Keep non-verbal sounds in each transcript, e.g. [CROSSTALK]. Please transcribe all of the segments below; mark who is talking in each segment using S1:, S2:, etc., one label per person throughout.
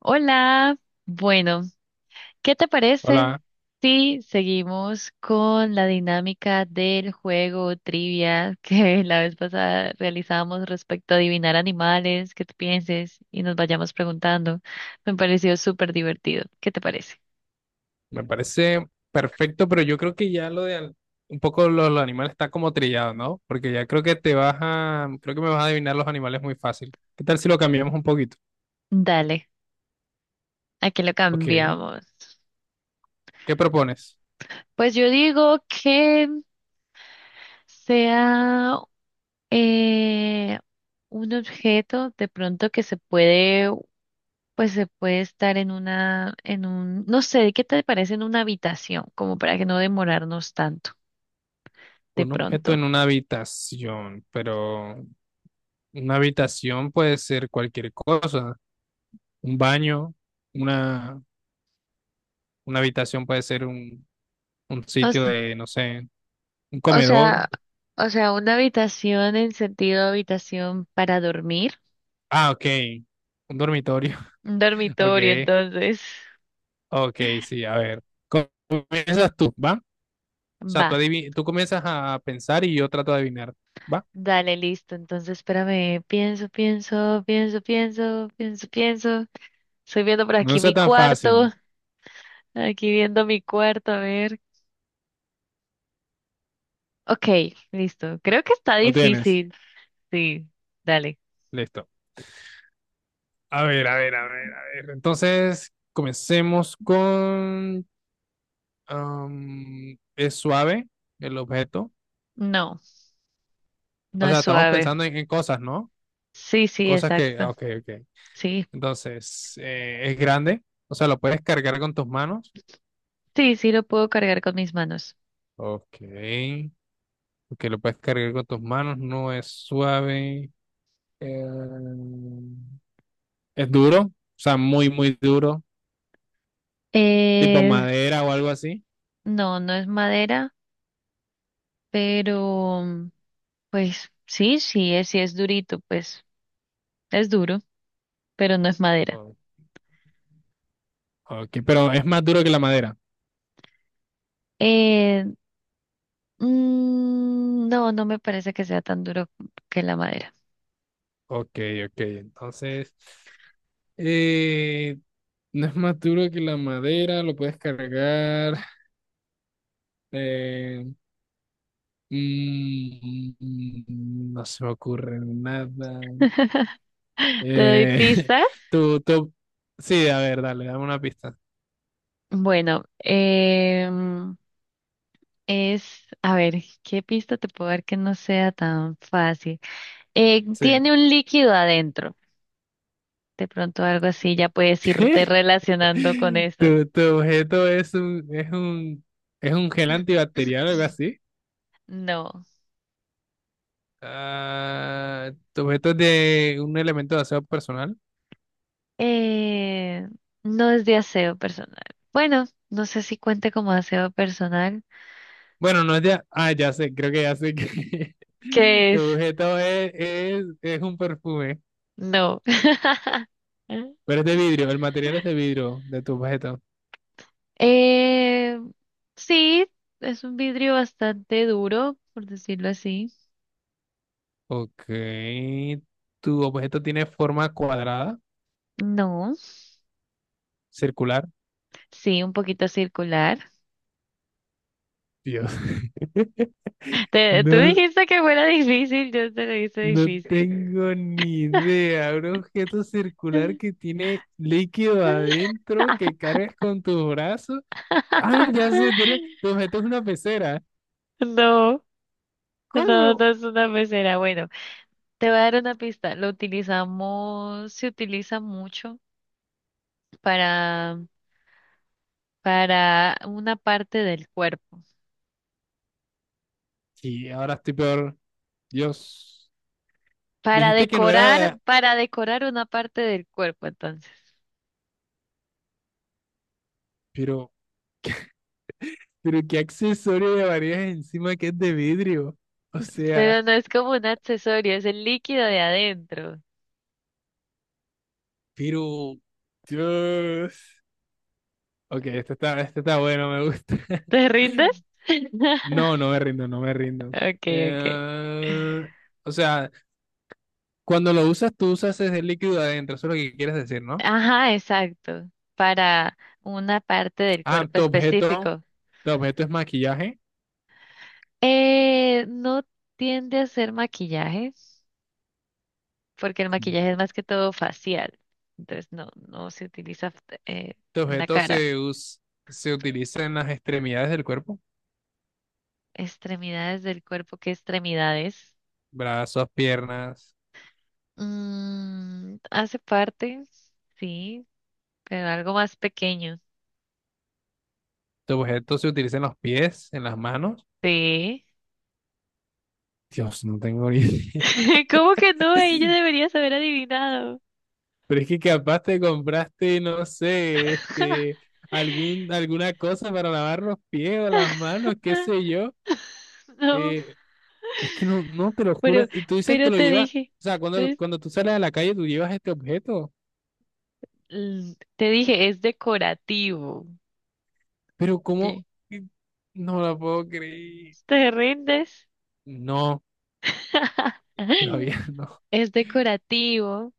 S1: Hola, bueno, ¿qué te parece
S2: Hola,
S1: si seguimos con la dinámica del juego trivia que [LAUGHS] la vez pasada realizamos respecto a adivinar animales, que tú pienses y nos vayamos preguntando? Me pareció súper divertido. ¿Qué te parece?
S2: me parece perfecto, pero yo creo que ya un poco lo animal está como trillado, ¿no? Porque ya creo que creo que me vas a adivinar los animales muy fácil. ¿Qué tal si lo cambiamos un poquito?
S1: Dale, aquí lo
S2: Ok,
S1: cambiamos.
S2: ¿qué propones?
S1: Pues yo digo que sea eh, un objeto de pronto que se puede pues se puede estar en una, en un, no sé, ¿qué te parece en una habitación? Como para que no demorarnos tanto de
S2: Un objeto
S1: pronto.
S2: en una habitación, pero una habitación puede ser cualquier cosa, un baño, una, una habitación puede ser un
S1: O
S2: sitio
S1: sea,
S2: de, no sé, un
S1: o
S2: comedor.
S1: sea, o sea, una habitación en sentido habitación para dormir.
S2: Ah, ok, un dormitorio,
S1: Un
S2: [LAUGHS]
S1: dormitorio,
S2: ok.
S1: entonces.
S2: Ok, sí, a ver. Comienzas tú, ¿va? O sea,
S1: Va,
S2: tú, tú comienzas a pensar y yo trato de adivinar, ¿va?
S1: dale, listo. Entonces, espérame, pienso, pienso, pienso, pienso, pienso, pienso. Estoy viendo por
S2: No
S1: aquí
S2: sea
S1: mi
S2: tan
S1: cuarto,
S2: fácil.
S1: aquí viendo mi cuarto, a ver. Ok, listo. Creo que está
S2: ¿Lo tienes?
S1: difícil. Sí, dale.
S2: Listo. A ver, a ver, a ver, a ver. Entonces, comencemos con... es suave el objeto.
S1: No. No
S2: O
S1: es
S2: sea, estamos
S1: suave.
S2: pensando en cosas, ¿no?
S1: Sí, sí,
S2: Cosas que...
S1: exacto.
S2: Ok, ok.
S1: Sí,
S2: Entonces, es grande. O sea, lo puedes cargar con tus manos.
S1: sí, sí lo puedo cargar con mis manos.
S2: Ok. Ok, lo puedes cargar con tus manos. No es suave. Eh, Es duro, o sea, muy, muy duro, tipo
S1: Eh,
S2: madera o algo así.
S1: no, no es madera, pero pues sí, sí es durito, pues es duro, pero no es madera.
S2: Oh, ok, pero es más duro que la madera.
S1: Eh, no, no me parece que sea tan duro que la madera.
S2: Ok, ok. Entonces, eh, no es más duro que la madera, lo puedes cargar. eh, no se me ocurre nada.
S1: [LAUGHS] ¿Te doy
S2: Eh, [LAUGHS]
S1: pistas?
S2: tú, sí, a ver, dale, dame una pista.
S1: Bueno, es, a ver, ¿qué pista te puedo dar que no sea tan fácil? Tiene
S2: Sí.
S1: un líquido adentro. De pronto algo así ya
S2: [LAUGHS]
S1: puedes irte
S2: [LAUGHS]
S1: relacionando con eso.
S2: Tu objeto es es un gel antibacterial
S1: [CLEARS THROAT]
S2: o algo así.
S1: No.
S2: Ah, tu objeto es de un elemento de aseo personal.
S1: Eh, no es de aseo personal. Bueno, no sé si cuente como aseo personal.
S2: Bueno, no es de. Ah, ya sé, creo que ya sé que. [LAUGHS]
S1: ¿Qué
S2: Tu
S1: es?
S2: objeto es un perfume,
S1: No. [LAUGHS]
S2: pero es de vidrio. El material es de vidrio de tu objeto.
S1: Eh, sí, es un vidrio bastante duro, por decirlo así.
S2: Ok. Tu objeto tiene forma cuadrada,
S1: No,
S2: circular.
S1: sí, un poquito circular.
S2: Dios. [LAUGHS]
S1: [LAUGHS] Tú
S2: No,
S1: dijiste que fuera difícil, yo te lo hice
S2: no
S1: difícil.
S2: tengo ni idea, un objeto circular que
S1: [LAUGHS]
S2: tiene líquido adentro que cargas con tus brazos. Ah, ya sé, tiene,
S1: [LAUGHS]
S2: tu objeto es una pecera.
S1: No, no, no
S2: ¿Cómo?
S1: es una pecera. Bueno, te voy a dar una pista. Lo utilizamos, se utiliza mucho para, para una parte del cuerpo.
S2: Sí, ahora estoy peor. Dios, dijiste que no era de...
S1: Para decorar una parte del cuerpo, entonces.
S2: Pero, pero ¿qué accesorio llevarías encima que es de vidrio? O sea,
S1: Pero no es como un accesorio, es el líquido de adentro.
S2: pero... Dios. Ok, este está bueno, me gusta.
S1: ¿Te rindes?
S2: [LAUGHS]
S1: [LAUGHS]
S2: No, no me rindo, no me rindo.
S1: Okay, okay.
S2: Eh, o sea, cuando lo usas, tú usas ese líquido adentro, eso es lo que quieres decir, ¿no?
S1: Ajá, exacto. Para una parte del
S2: Ah,
S1: cuerpo específico.
S2: tu objeto es maquillaje.
S1: No tiende a hacer maquillaje, porque el
S2: Como
S1: maquillaje es
S2: que-
S1: más que todo facial. Entonces no, no se utiliza eh,
S2: Tu
S1: en la
S2: objeto
S1: cara.
S2: se us- Se utiliza en las extremidades del cuerpo,
S1: Extremidades del cuerpo, ¿qué extremidades?
S2: brazos, piernas.
S1: Mm, hace parte, sí, pero algo más pequeño.
S2: Tu objeto se utiliza en los pies, en las manos.
S1: Sí.
S2: Dios, no tengo ni idea. [LAUGHS]
S1: [LAUGHS] ¿Cómo que no? Ella debería haber adivinado.
S2: Pero es que capaz te compraste, no sé, este,
S1: [LAUGHS]
S2: alguna cosa para lavar los pies o las manos, qué sé yo.
S1: No,
S2: Eh, Es que no, no, te lo
S1: pero,
S2: juro. Y tú dices que
S1: pero
S2: lo
S1: te
S2: llevas, o
S1: dije,
S2: sea,
S1: pues,
S2: cuando tú sales a la calle, tú llevas este objeto.
S1: te dije, es decorativo.
S2: Pero ¿cómo?
S1: Ye-
S2: Y no lo puedo creer.
S1: ¿Te rindes?
S2: No, todavía
S1: [LAUGHS]
S2: [LAUGHS] no.
S1: Es decorativo.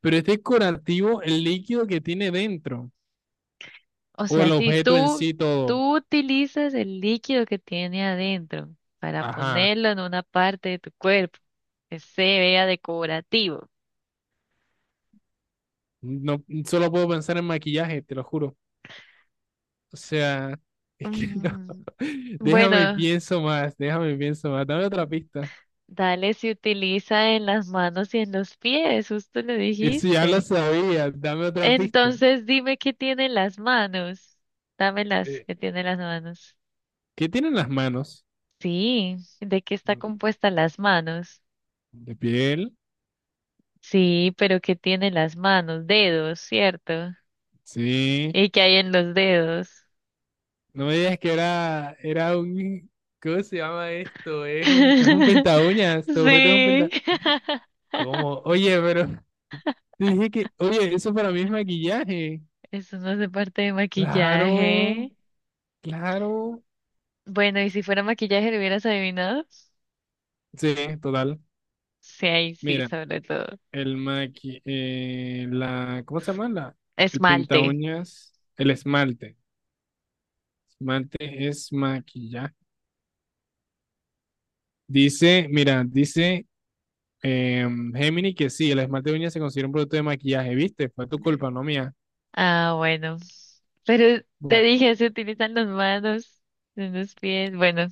S2: Pero es decorativo el líquido que tiene dentro.
S1: O
S2: O
S1: sea,
S2: el
S1: si
S2: objeto en
S1: tú,
S2: sí todo.
S1: tú utilizas el líquido que tiene adentro para
S2: Ajá.
S1: ponerlo en una parte de tu cuerpo, que se vea decorativo.
S2: No, solo puedo pensar en maquillaje, te lo juro. O sea, es que [LAUGHS] no.
S1: Mm,
S2: Déjame y
S1: Bueno,
S2: pienso más, déjame y pienso más. Dame otra pista.
S1: dale si utiliza en las manos y en los pies, justo lo
S2: Eso ya lo
S1: dijiste.
S2: sabía, dame otra pista.
S1: Entonces dime qué tiene en las manos. Dámelas,
S2: Eh,
S1: qué tiene en las manos.
S2: ¿Qué tienen las manos?
S1: Sí, ¿de qué está compuesta las manos?
S2: De piel,
S1: Sí, pero ¿qué tiene las manos? Dedos, ¿cierto?
S2: sí.
S1: ¿Y qué hay en los dedos?
S2: No me digas que era un, ¿cómo se llama esto? Es un penta
S1: [LAUGHS]
S2: uñas, tu objeto es un
S1: Sí.
S2: penta.
S1: [LAUGHS]
S2: ¿Cómo? Oye, pero [LAUGHS] te dije que, oye, eso para mí es maquillaje.
S1: Eso no hace parte de
S2: Claro,
S1: maquillaje.
S2: claro.
S1: Bueno, ¿y si fuera maquillaje lo hubieras adivinado?
S2: Sí, total.
S1: Sí, ahí sí,
S2: Mira,
S1: sobre todo.
S2: ¿cómo se llama? La, el pinta
S1: Esmalte.
S2: uñas, el esmalte. Esmalte es maquillaje. Dice, mira, dice Gemini, que sí, el esmalte de uñas se considera un producto de maquillaje, ¿viste? Fue tu culpa, no mía.
S1: Ah, bueno. Pero te
S2: Bueno,
S1: dije, se utilizan las manos, en los pies. Bueno,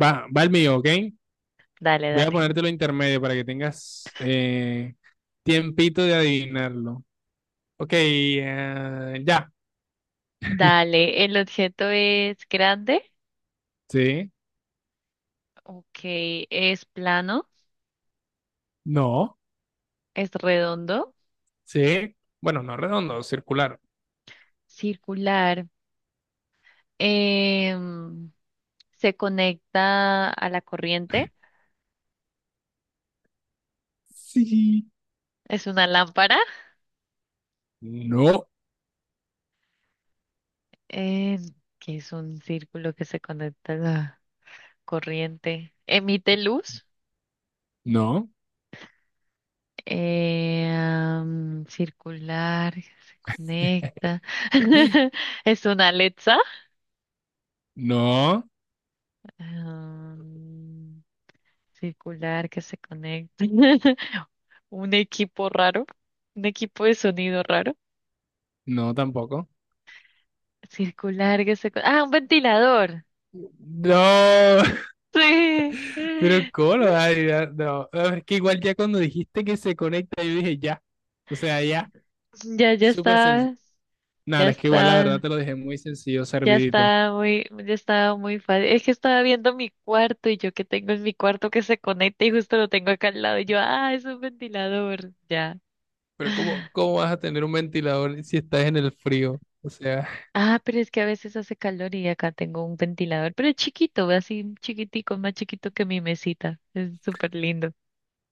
S2: va, va el mío, ¿ok?
S1: dale,
S2: Voy a
S1: dale.
S2: ponértelo intermedio para que tengas tiempito de adivinarlo. Ok, ya.
S1: Dale, ¿el objeto es grande?
S2: Sí,
S1: Ok, es plano,
S2: no,
S1: es redondo,
S2: sí. Bueno, no redondo, circular.
S1: circular, em, se conecta a la corriente,
S2: Sí.
S1: es una lámpara,
S2: No,
S1: em, que es un círculo que se conecta a la corriente, emite luz,
S2: no,
S1: circular, se conecta, [LAUGHS] es una Alexa,
S2: no,
S1: am, circular que se conecta. [LAUGHS] Un equipo raro, un equipo de sonido raro,
S2: no tampoco.
S1: circular que se... Ah, un ventilador.
S2: No, [LAUGHS]
S1: Sí.
S2: pero ¿cómo lo vas a adivinar? No, a ver, es que igual ya cuando dijiste que se conecta, yo dije ya. O sea, ya.
S1: Ya, ya
S2: Súper sencillo.
S1: está, ya
S2: Nada, es que igual la verdad
S1: está,
S2: te lo dejé muy sencillo, servidito.
S1: ya está muy fácil. Es que estaba viendo mi cuarto y yo que tengo en mi cuarto que se conecta y justo lo tengo acá al lado y yo, ah, es un ventilador, ya.
S2: Pero ¿cómo, cómo vas a tener un ventilador si estás en el frío? O sea,
S1: Ah, pero es que a veces hace calor y acá tengo un ventilador, pero es chiquito, así chiquitico, más chiquito que mi mesita. Es súper lindo.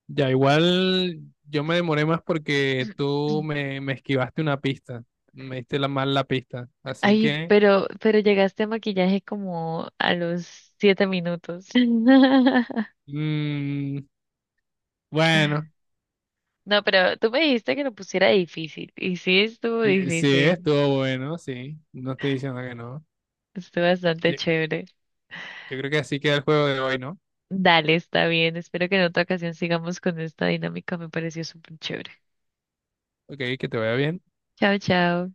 S2: ya igual yo me demoré más porque
S1: [CLEARS THROAT]
S2: me esquivaste una pista. Me diste la mal la pista. Así
S1: Ay,
S2: que,
S1: pero llegaste a maquillaje como a los 7 minutos. [LAUGHS]
S2: mm, bueno,
S1: No, pero tú me dijiste que lo pusiera difícil. Y sí estuvo
S2: sí,
S1: difícil.
S2: estuvo bueno, sí. No estoy diciendo que no.
S1: Estuvo bastante
S2: Sí,
S1: chévere.
S2: yo creo que así queda el juego de hoy, ¿no?
S1: Dale, está bien. Espero que en otra ocasión sigamos con esta dinámica. Me pareció súper chévere.
S2: Ok, que te vaya bien.
S1: Chao, chao.